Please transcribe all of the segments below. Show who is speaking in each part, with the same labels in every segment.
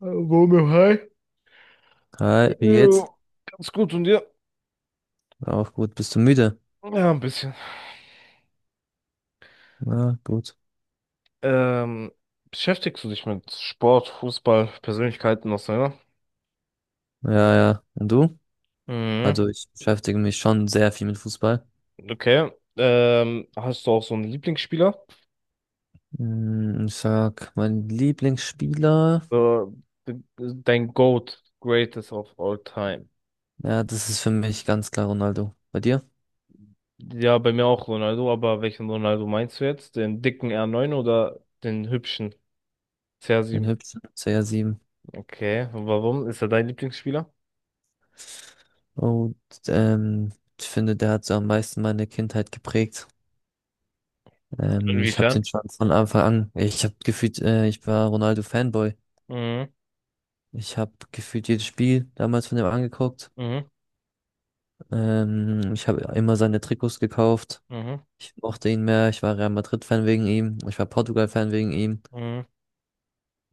Speaker 1: Hallo, mir hi.
Speaker 2: Hi, wie geht's?
Speaker 1: Ja, ganz gut und dir?
Speaker 2: Auch gut. Bist du müde?
Speaker 1: Ja, ein bisschen.
Speaker 2: Ja, gut.
Speaker 1: Ähm, Beschäftigst du dich mit Sport, Fußball, Persönlichkeiten auseinander?
Speaker 2: Ja, ja. Und du?
Speaker 1: Mhm.
Speaker 2: Also ich beschäftige mich schon sehr viel mit Fußball.
Speaker 1: Okay. Hast du auch so einen Lieblingsspieler?
Speaker 2: Hm, ich sag, mein Lieblingsspieler,
Speaker 1: Äh, de- Dein GOAT, Greatest of All Time.
Speaker 2: ja, das ist für mich ganz klar Ronaldo. Bei dir?
Speaker 1: Ja, bei mir auch Ronaldo, aber welchen Ronaldo meinst du jetzt? Den dicken R9 oder den hübschen
Speaker 2: Den
Speaker 1: CR7?
Speaker 2: hübschen CR7.
Speaker 1: Okay, und warum? Ist er dein Lieblingsspieler?
Speaker 2: Und ähm, Ich finde, der hat so am meisten meine Kindheit geprägt. Ich habe
Speaker 1: Inwiefern?
Speaker 2: den schon von Anfang an. Ich habe gefühlt, ich war Ronaldo Fanboy.
Speaker 1: Mhm,
Speaker 2: Ich habe gefühlt jedes Spiel damals von dem angeguckt.
Speaker 1: mhm,
Speaker 2: Ich habe immer seine Trikots gekauft.
Speaker 1: mhm,
Speaker 2: Ich mochte ihn mehr. Ich war Real Madrid-Fan wegen ihm. Ich war Portugal-Fan wegen ihm.
Speaker 1: mhm,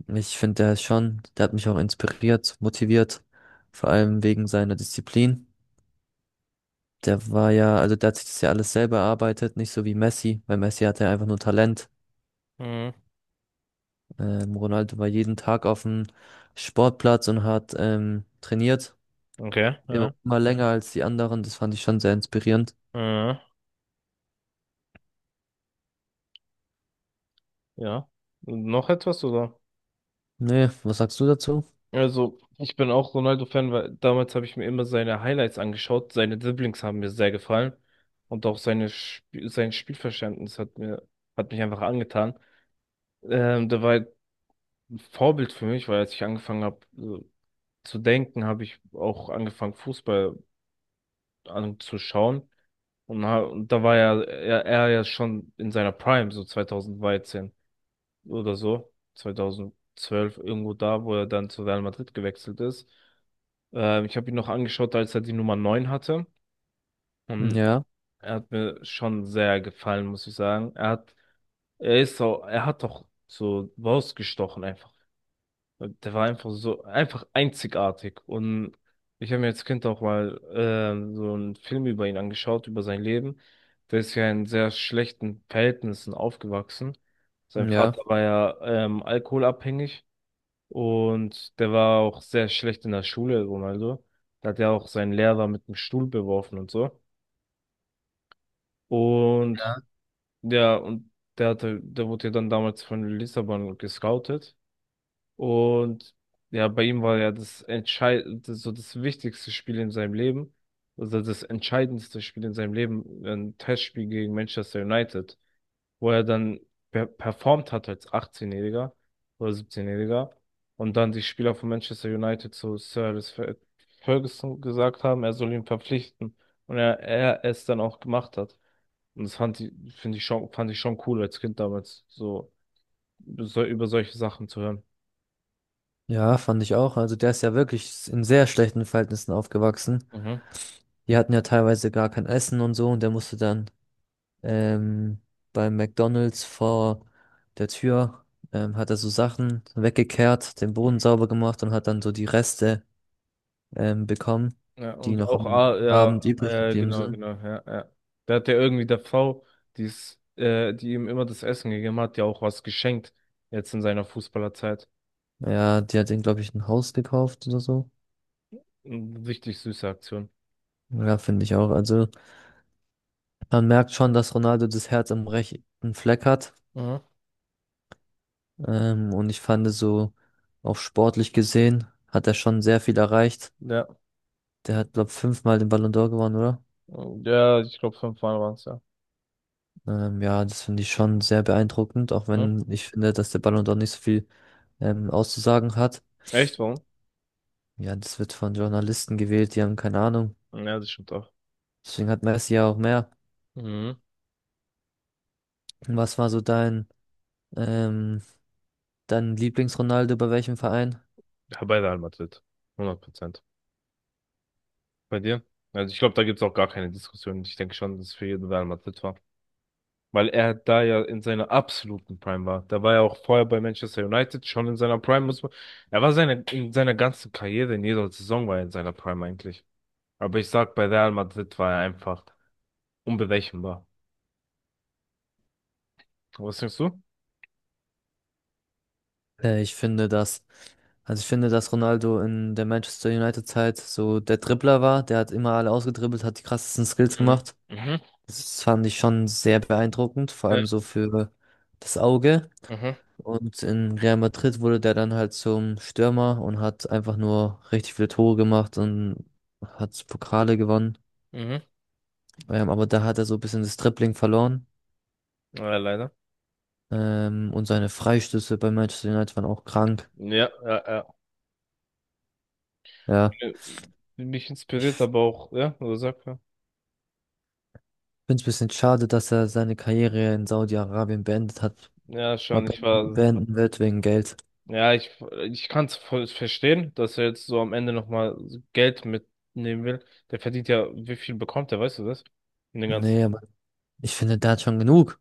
Speaker 2: Ich finde, der ist schon, der hat mich auch inspiriert, motiviert. Vor allem wegen seiner Disziplin. Der war ja, also der hat sich das ja alles selber erarbeitet, nicht so wie Messi, weil Messi hatte einfach nur Talent.
Speaker 1: mhm.
Speaker 2: Ronaldo war jeden Tag auf dem Sportplatz und hat trainiert.
Speaker 1: Okay,
Speaker 2: Immer,
Speaker 1: ja,
Speaker 2: immer länger als die anderen. Das fand ich schon sehr inspirierend.
Speaker 1: äh, ja. Noch etwas, oder?
Speaker 2: Nee, was sagst du dazu?
Speaker 1: Also, ich bin auch Ronaldo-Fan, weil damals habe ich mir immer seine Highlights angeschaut. Seine Dribblings haben mir sehr gefallen. Und auch seine Sp sein Spielverständnis hat mir, hat mich einfach angetan. Der war halt ein Vorbild für mich, weil als ich angefangen habe zu denken, habe ich auch angefangen, Fußball anzuschauen. Und, und da war ja er ja schon in seiner Prime, so 2013, oder so, 2012 irgendwo da, wo er dann zu Real Madrid gewechselt ist. Ich habe ihn noch angeschaut, als er die Nummer 9 hatte. Und
Speaker 2: Ja,
Speaker 1: er hat mir schon sehr gefallen, muss ich sagen. Er hat, er ist so, er hat doch so rausgestochen einfach. Der war einfach so, einfach einzigartig. Und ich habe mir als Kind auch mal so einen Film über ihn angeschaut, über sein Leben. Der ist ja in sehr schlechten Verhältnissen aufgewachsen. Sein
Speaker 2: ja.
Speaker 1: Vater war ja alkoholabhängig und der war auch sehr schlecht in der Schule, Ronaldo. Da hat ja auch seinen Lehrer mit dem Stuhl beworfen und so. Und ja, und der hatte, der wurde ja dann damals von Lissabon gescoutet. Und ja, bei ihm war ja das entscheid, so das wichtigste Spiel in seinem Leben, also das entscheidendste Spiel in seinem Leben, ein Testspiel gegen Manchester United, wo er dann performt hat als 18-Jähriger oder 17-Jähriger und dann die Spieler von Manchester United zu Ferguson gesagt haben, er soll ihn verpflichten und er es dann auch gemacht hat. Und das fand ich, finde ich schon, fand ich schon cool als Kind damals, so, so über solche Sachen zu hören.
Speaker 2: Ja, fand ich auch. Also der ist ja wirklich in sehr schlechten Verhältnissen aufgewachsen.
Speaker 1: Mhm.
Speaker 2: Die hatten ja teilweise gar kein Essen und so und der musste dann ähm, beim McDonald's vor der Tür, hat er so Sachen weggekehrt, den Boden sauber gemacht und hat dann so die Reste bekommen,
Speaker 1: Ja,
Speaker 2: die
Speaker 1: und
Speaker 2: noch
Speaker 1: auch,
Speaker 2: am
Speaker 1: ah,
Speaker 2: Abend
Speaker 1: ja,
Speaker 2: übrig geblieben
Speaker 1: genau,
Speaker 2: sind.
Speaker 1: genau, ja, ja. Da hat er irgendwie der Frau, die ihm immer das Essen gegeben hat, ja auch was geschenkt, jetzt in seiner Fußballerzeit.
Speaker 2: Ja, die hat den, glaube ich, ein Haus gekauft oder so.
Speaker 1: Richtig süße Aktion.
Speaker 2: Ja, finde ich auch. Also man merkt schon, dass Ronaldo das Herz am rechten Fleck hat.
Speaker 1: Mhm.
Speaker 2: Und ich fand so, auch sportlich gesehen, hat er schon sehr viel erreicht.
Speaker 1: Ja.
Speaker 2: Der hat, glaube ich, 5-mal den Ballon d'Or gewonnen, oder?
Speaker 1: Ja, ich glaube, 5 Mal waren es ja.
Speaker 2: Ja, das finde ich schon sehr beeindruckend, auch
Speaker 1: Hm?
Speaker 2: wenn ich finde, dass der Ballon d'Or nicht so viel auszusagen hat.
Speaker 1: Echt, warum?
Speaker 2: Ja, das wird von Journalisten gewählt, die haben keine Ahnung.
Speaker 1: Ja, das stimmt auch.
Speaker 2: Deswegen hat Messi ja auch mehr.
Speaker 1: Mhm.
Speaker 2: Was war so dein, ähm, dein Lieblings-Ronaldo bei welchem Verein?
Speaker 1: Ja, bei Real Madrid. 100%. Bei dir? Also ich glaube, da gibt's auch gar keine Diskussion. Ich denke schon, dass es für jeden Real Madrid war. Weil er da ja in seiner absoluten Prime war. Da war er auch vorher bei Manchester United schon in seiner Prime. Muss man, er war seine, in seiner ganzen Karriere, in jeder Saison war er in seiner Prime eigentlich. Aber ich sag, bei Real Madrid war er einfach unberechenbar. Was denkst du?
Speaker 2: Ich finde, dass ich finde, dass Ronaldo in der Manchester United-Zeit so der Dribbler war. Der hat immer alle ausgedribbelt, hat die krassesten Skills
Speaker 1: Mhm.
Speaker 2: gemacht.
Speaker 1: Mhm.
Speaker 2: Das fand ich schon sehr beeindruckend, vor
Speaker 1: Äh,
Speaker 2: allem so für das Auge.
Speaker 1: Mhm.
Speaker 2: Und in Real Madrid wurde der dann halt zum Stürmer und hat einfach nur richtig viele Tore gemacht und hat Pokale gewonnen.
Speaker 1: Mhm.
Speaker 2: Aber da hat er so ein bisschen das Dribbling verloren.
Speaker 1: Ja, leider.
Speaker 2: Und seine Freistöße bei Manchester United waren auch krank.
Speaker 1: Ja, ja, ja.
Speaker 2: Ja.
Speaker 1: Mich inspiriert aber auch, ja, oder sag mal.
Speaker 2: Finde es ein bisschen schade, dass er seine Karriere in Saudi-Arabien beendet hat.
Speaker 1: Ja,
Speaker 2: Mal
Speaker 1: schon, ich war,
Speaker 2: beenden wird wegen Geld.
Speaker 1: ja, ich kann es voll verstehen, dass er jetzt so am Ende nochmal Geld mitnehmen will. Der verdient ja, wie viel bekommt er, weißt du das? In den ganzen,
Speaker 2: Nee, aber ich finde, der hat schon genug.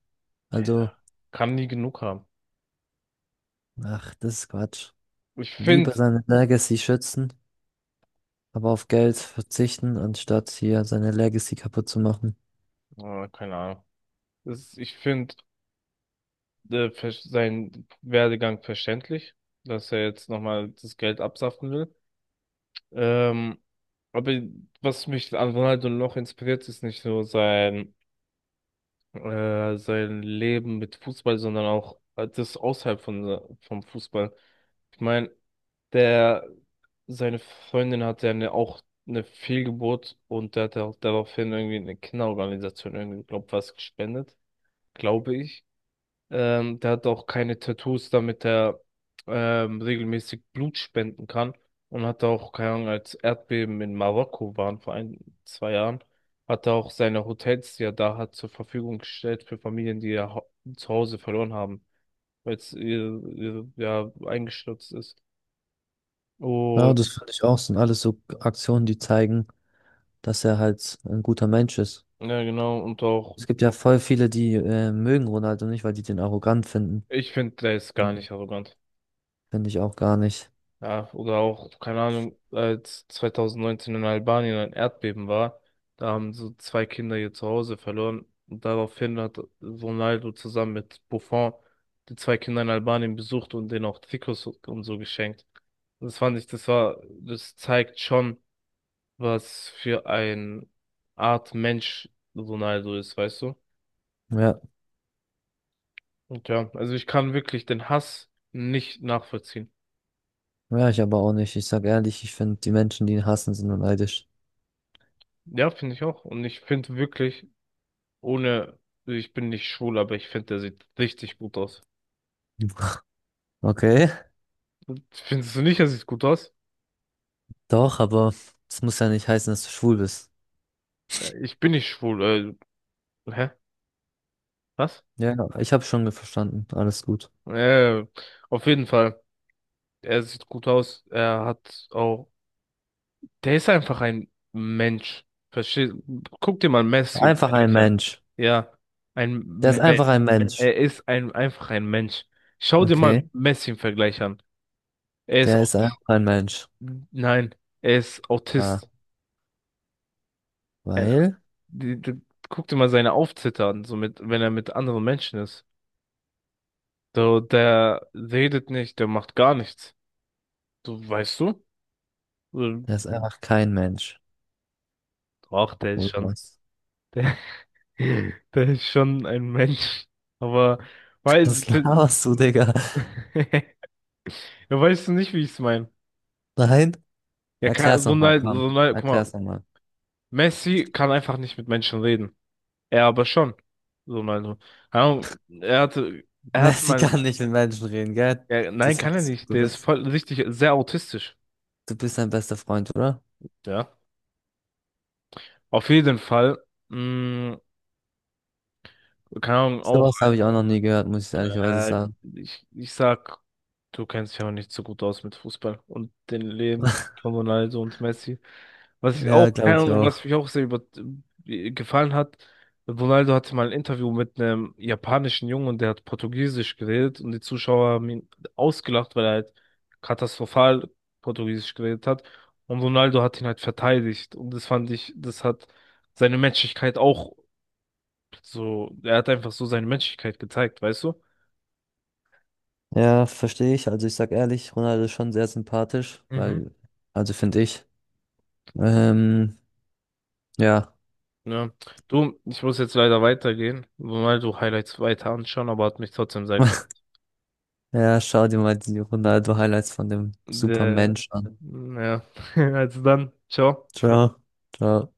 Speaker 2: Also,
Speaker 1: kann nie genug haben.
Speaker 2: ach, das ist Quatsch.
Speaker 1: Ich
Speaker 2: Lieber
Speaker 1: finde,
Speaker 2: seine Legacy schützen, aber auf Geld verzichten, anstatt hier seine Legacy kaputt zu machen.
Speaker 1: oh, keine Ahnung, das ist, ich finde seinen Werdegang verständlich, dass er jetzt nochmal das Geld absaften will. Ähm, aber was mich an Ronaldo noch inspiriert, ist nicht nur sein, sein Leben mit Fußball, sondern auch das außerhalb von, vom Fußball. Ich meine, der, seine Freundin hatte eine, auch eine Fehlgeburt und der hat auch daraufhin irgendwie eine Kinderorganisation irgendwie, glaub, was gespendet, glaube ich. Der hat auch keine Tattoos, damit er regelmäßig Blut spenden kann. Und hat auch, keine Ahnung, als Erdbeben in Marokko waren vor ein, zwei Jahren, hat er auch seine Hotels, die er da hat, zur Verfügung gestellt für Familien, die zu Hause verloren haben, weil es ihr, ja, eingestürzt ist. Oh,
Speaker 2: Ja, das finde ich auch. Sind alles so Aktionen, die zeigen, dass er halt ein guter Mensch ist.
Speaker 1: ja, genau. Und auch,
Speaker 2: Es gibt ja voll viele, die mögen Ronaldo nicht, weil die den arrogant finden.
Speaker 1: ich finde, der ist gar
Speaker 2: Finde
Speaker 1: nicht arrogant.
Speaker 2: ich auch gar nicht.
Speaker 1: Ja, oder auch, keine Ahnung, als 2019 in Albanien ein Erdbeben war, da haben so zwei Kinder ihr Zuhause verloren. Und daraufhin hat so Ronaldo zusammen mit Buffon die zwei Kinder in Albanien besucht und denen auch Trikots und so geschenkt. Und das fand ich, das war, das zeigt schon, was für ein Art Mensch Ronaldo ist, weißt du?
Speaker 2: Ja.
Speaker 1: Und ja, also ich kann wirklich den Hass nicht nachvollziehen.
Speaker 2: Ja, ich aber auch nicht. Ich sag ehrlich, ich finde, die Menschen, die ihn hassen, sind nur neidisch.
Speaker 1: Ja, finde ich auch. Und ich finde wirklich, ohne, ich bin nicht schwul, aber ich finde, der sieht richtig gut aus.
Speaker 2: Okay,
Speaker 1: Findest du nicht, er sieht gut aus?
Speaker 2: doch, aber das muss ja nicht heißen, dass du schwul bist.
Speaker 1: Ja, ich bin nicht schwul. Hä? Was?
Speaker 2: Ja, ich habe schon verstanden. Alles gut.
Speaker 1: Äh, auf jeden Fall. Er sieht gut aus. Er hat auch. Der ist einfach ein Mensch. Versteh? Guck dir mal Messi im
Speaker 2: Einfach ein
Speaker 1: Vergleich an.
Speaker 2: Mensch.
Speaker 1: Ja,
Speaker 2: Der
Speaker 1: ein
Speaker 2: ist
Speaker 1: Mensch.
Speaker 2: einfach ein Mensch.
Speaker 1: Er ist einfach ein Mensch. Schau dir mal
Speaker 2: Okay,
Speaker 1: Messi im Vergleich an. Er ist.
Speaker 2: der
Speaker 1: au-
Speaker 2: ist einfach ein Mensch.
Speaker 1: Nein, er ist
Speaker 2: Ah,
Speaker 1: Autist.
Speaker 2: weil
Speaker 1: die, die, Guck dir mal seine Aufzitter an, so mit, wenn er mit anderen Menschen ist. So, der redet nicht, der macht gar nichts. So, weißt du? So,
Speaker 2: der ist einfach kein Mensch.
Speaker 1: ach, der ist
Speaker 2: Oder
Speaker 1: schon,
Speaker 2: was?
Speaker 1: der, der ist schon ein Mensch. Aber, weil,
Speaker 2: Das laberst du, Digga.
Speaker 1: ja, weißt du nicht, wie ich es meine?
Speaker 2: Nein?
Speaker 1: Er
Speaker 2: Erklär's
Speaker 1: kann,
Speaker 2: nochmal,
Speaker 1: Ronaldo,
Speaker 2: komm.
Speaker 1: Ronaldo, guck
Speaker 2: Erklär's
Speaker 1: mal,
Speaker 2: nochmal.
Speaker 1: Messi kann einfach nicht mit Menschen reden. Er aber schon. Ronaldo. Keine Ahnung, er hatte, er hatte
Speaker 2: Messi
Speaker 1: mal,
Speaker 2: kann nicht mit Menschen reden, gell?
Speaker 1: er, nein,
Speaker 2: Das
Speaker 1: kann er
Speaker 2: weißt du.
Speaker 1: nicht. Der ist voll, richtig, sehr autistisch.
Speaker 2: Du bist sein bester Freund, oder?
Speaker 1: Ja. Auf jeden Fall. Mh, Keine Ahnung, auch,
Speaker 2: Sowas habe ich auch noch nie gehört, muss ich ehrlicherweise
Speaker 1: äh,
Speaker 2: sagen.
Speaker 1: ich sag, du kennst dich aber nicht so gut aus mit Fußball und den Leben von Ronaldo und Messi. Was ich
Speaker 2: Ja,
Speaker 1: auch,
Speaker 2: glaube
Speaker 1: keine
Speaker 2: ich
Speaker 1: Ahnung, was
Speaker 2: auch.
Speaker 1: mich auch sehr gefallen hat, Ronaldo hatte mal ein Interview mit einem japanischen Jungen und der hat Portugiesisch geredet und die Zuschauer haben ihn ausgelacht, weil er halt katastrophal Portugiesisch geredet hat. Und Ronaldo hat ihn halt verteidigt. Und das fand ich, das hat seine Menschlichkeit auch so, er hat einfach so seine Menschlichkeit gezeigt, weißt du?
Speaker 2: Ja, verstehe ich. Also ich sag ehrlich, Ronaldo ist schon sehr sympathisch,
Speaker 1: Mhm.
Speaker 2: weil finde ich. Ähm, ja.
Speaker 1: Ja. Du, ich muss jetzt leider weitergehen, mal so Highlights weiter anschauen, aber hat mich trotzdem sehr gefreut.
Speaker 2: Ja, schau dir mal die Ronaldo-Highlights von dem
Speaker 1: Äh,
Speaker 2: Supermensch an.
Speaker 1: ja, also dann, ciao.
Speaker 2: Ciao. Ciao.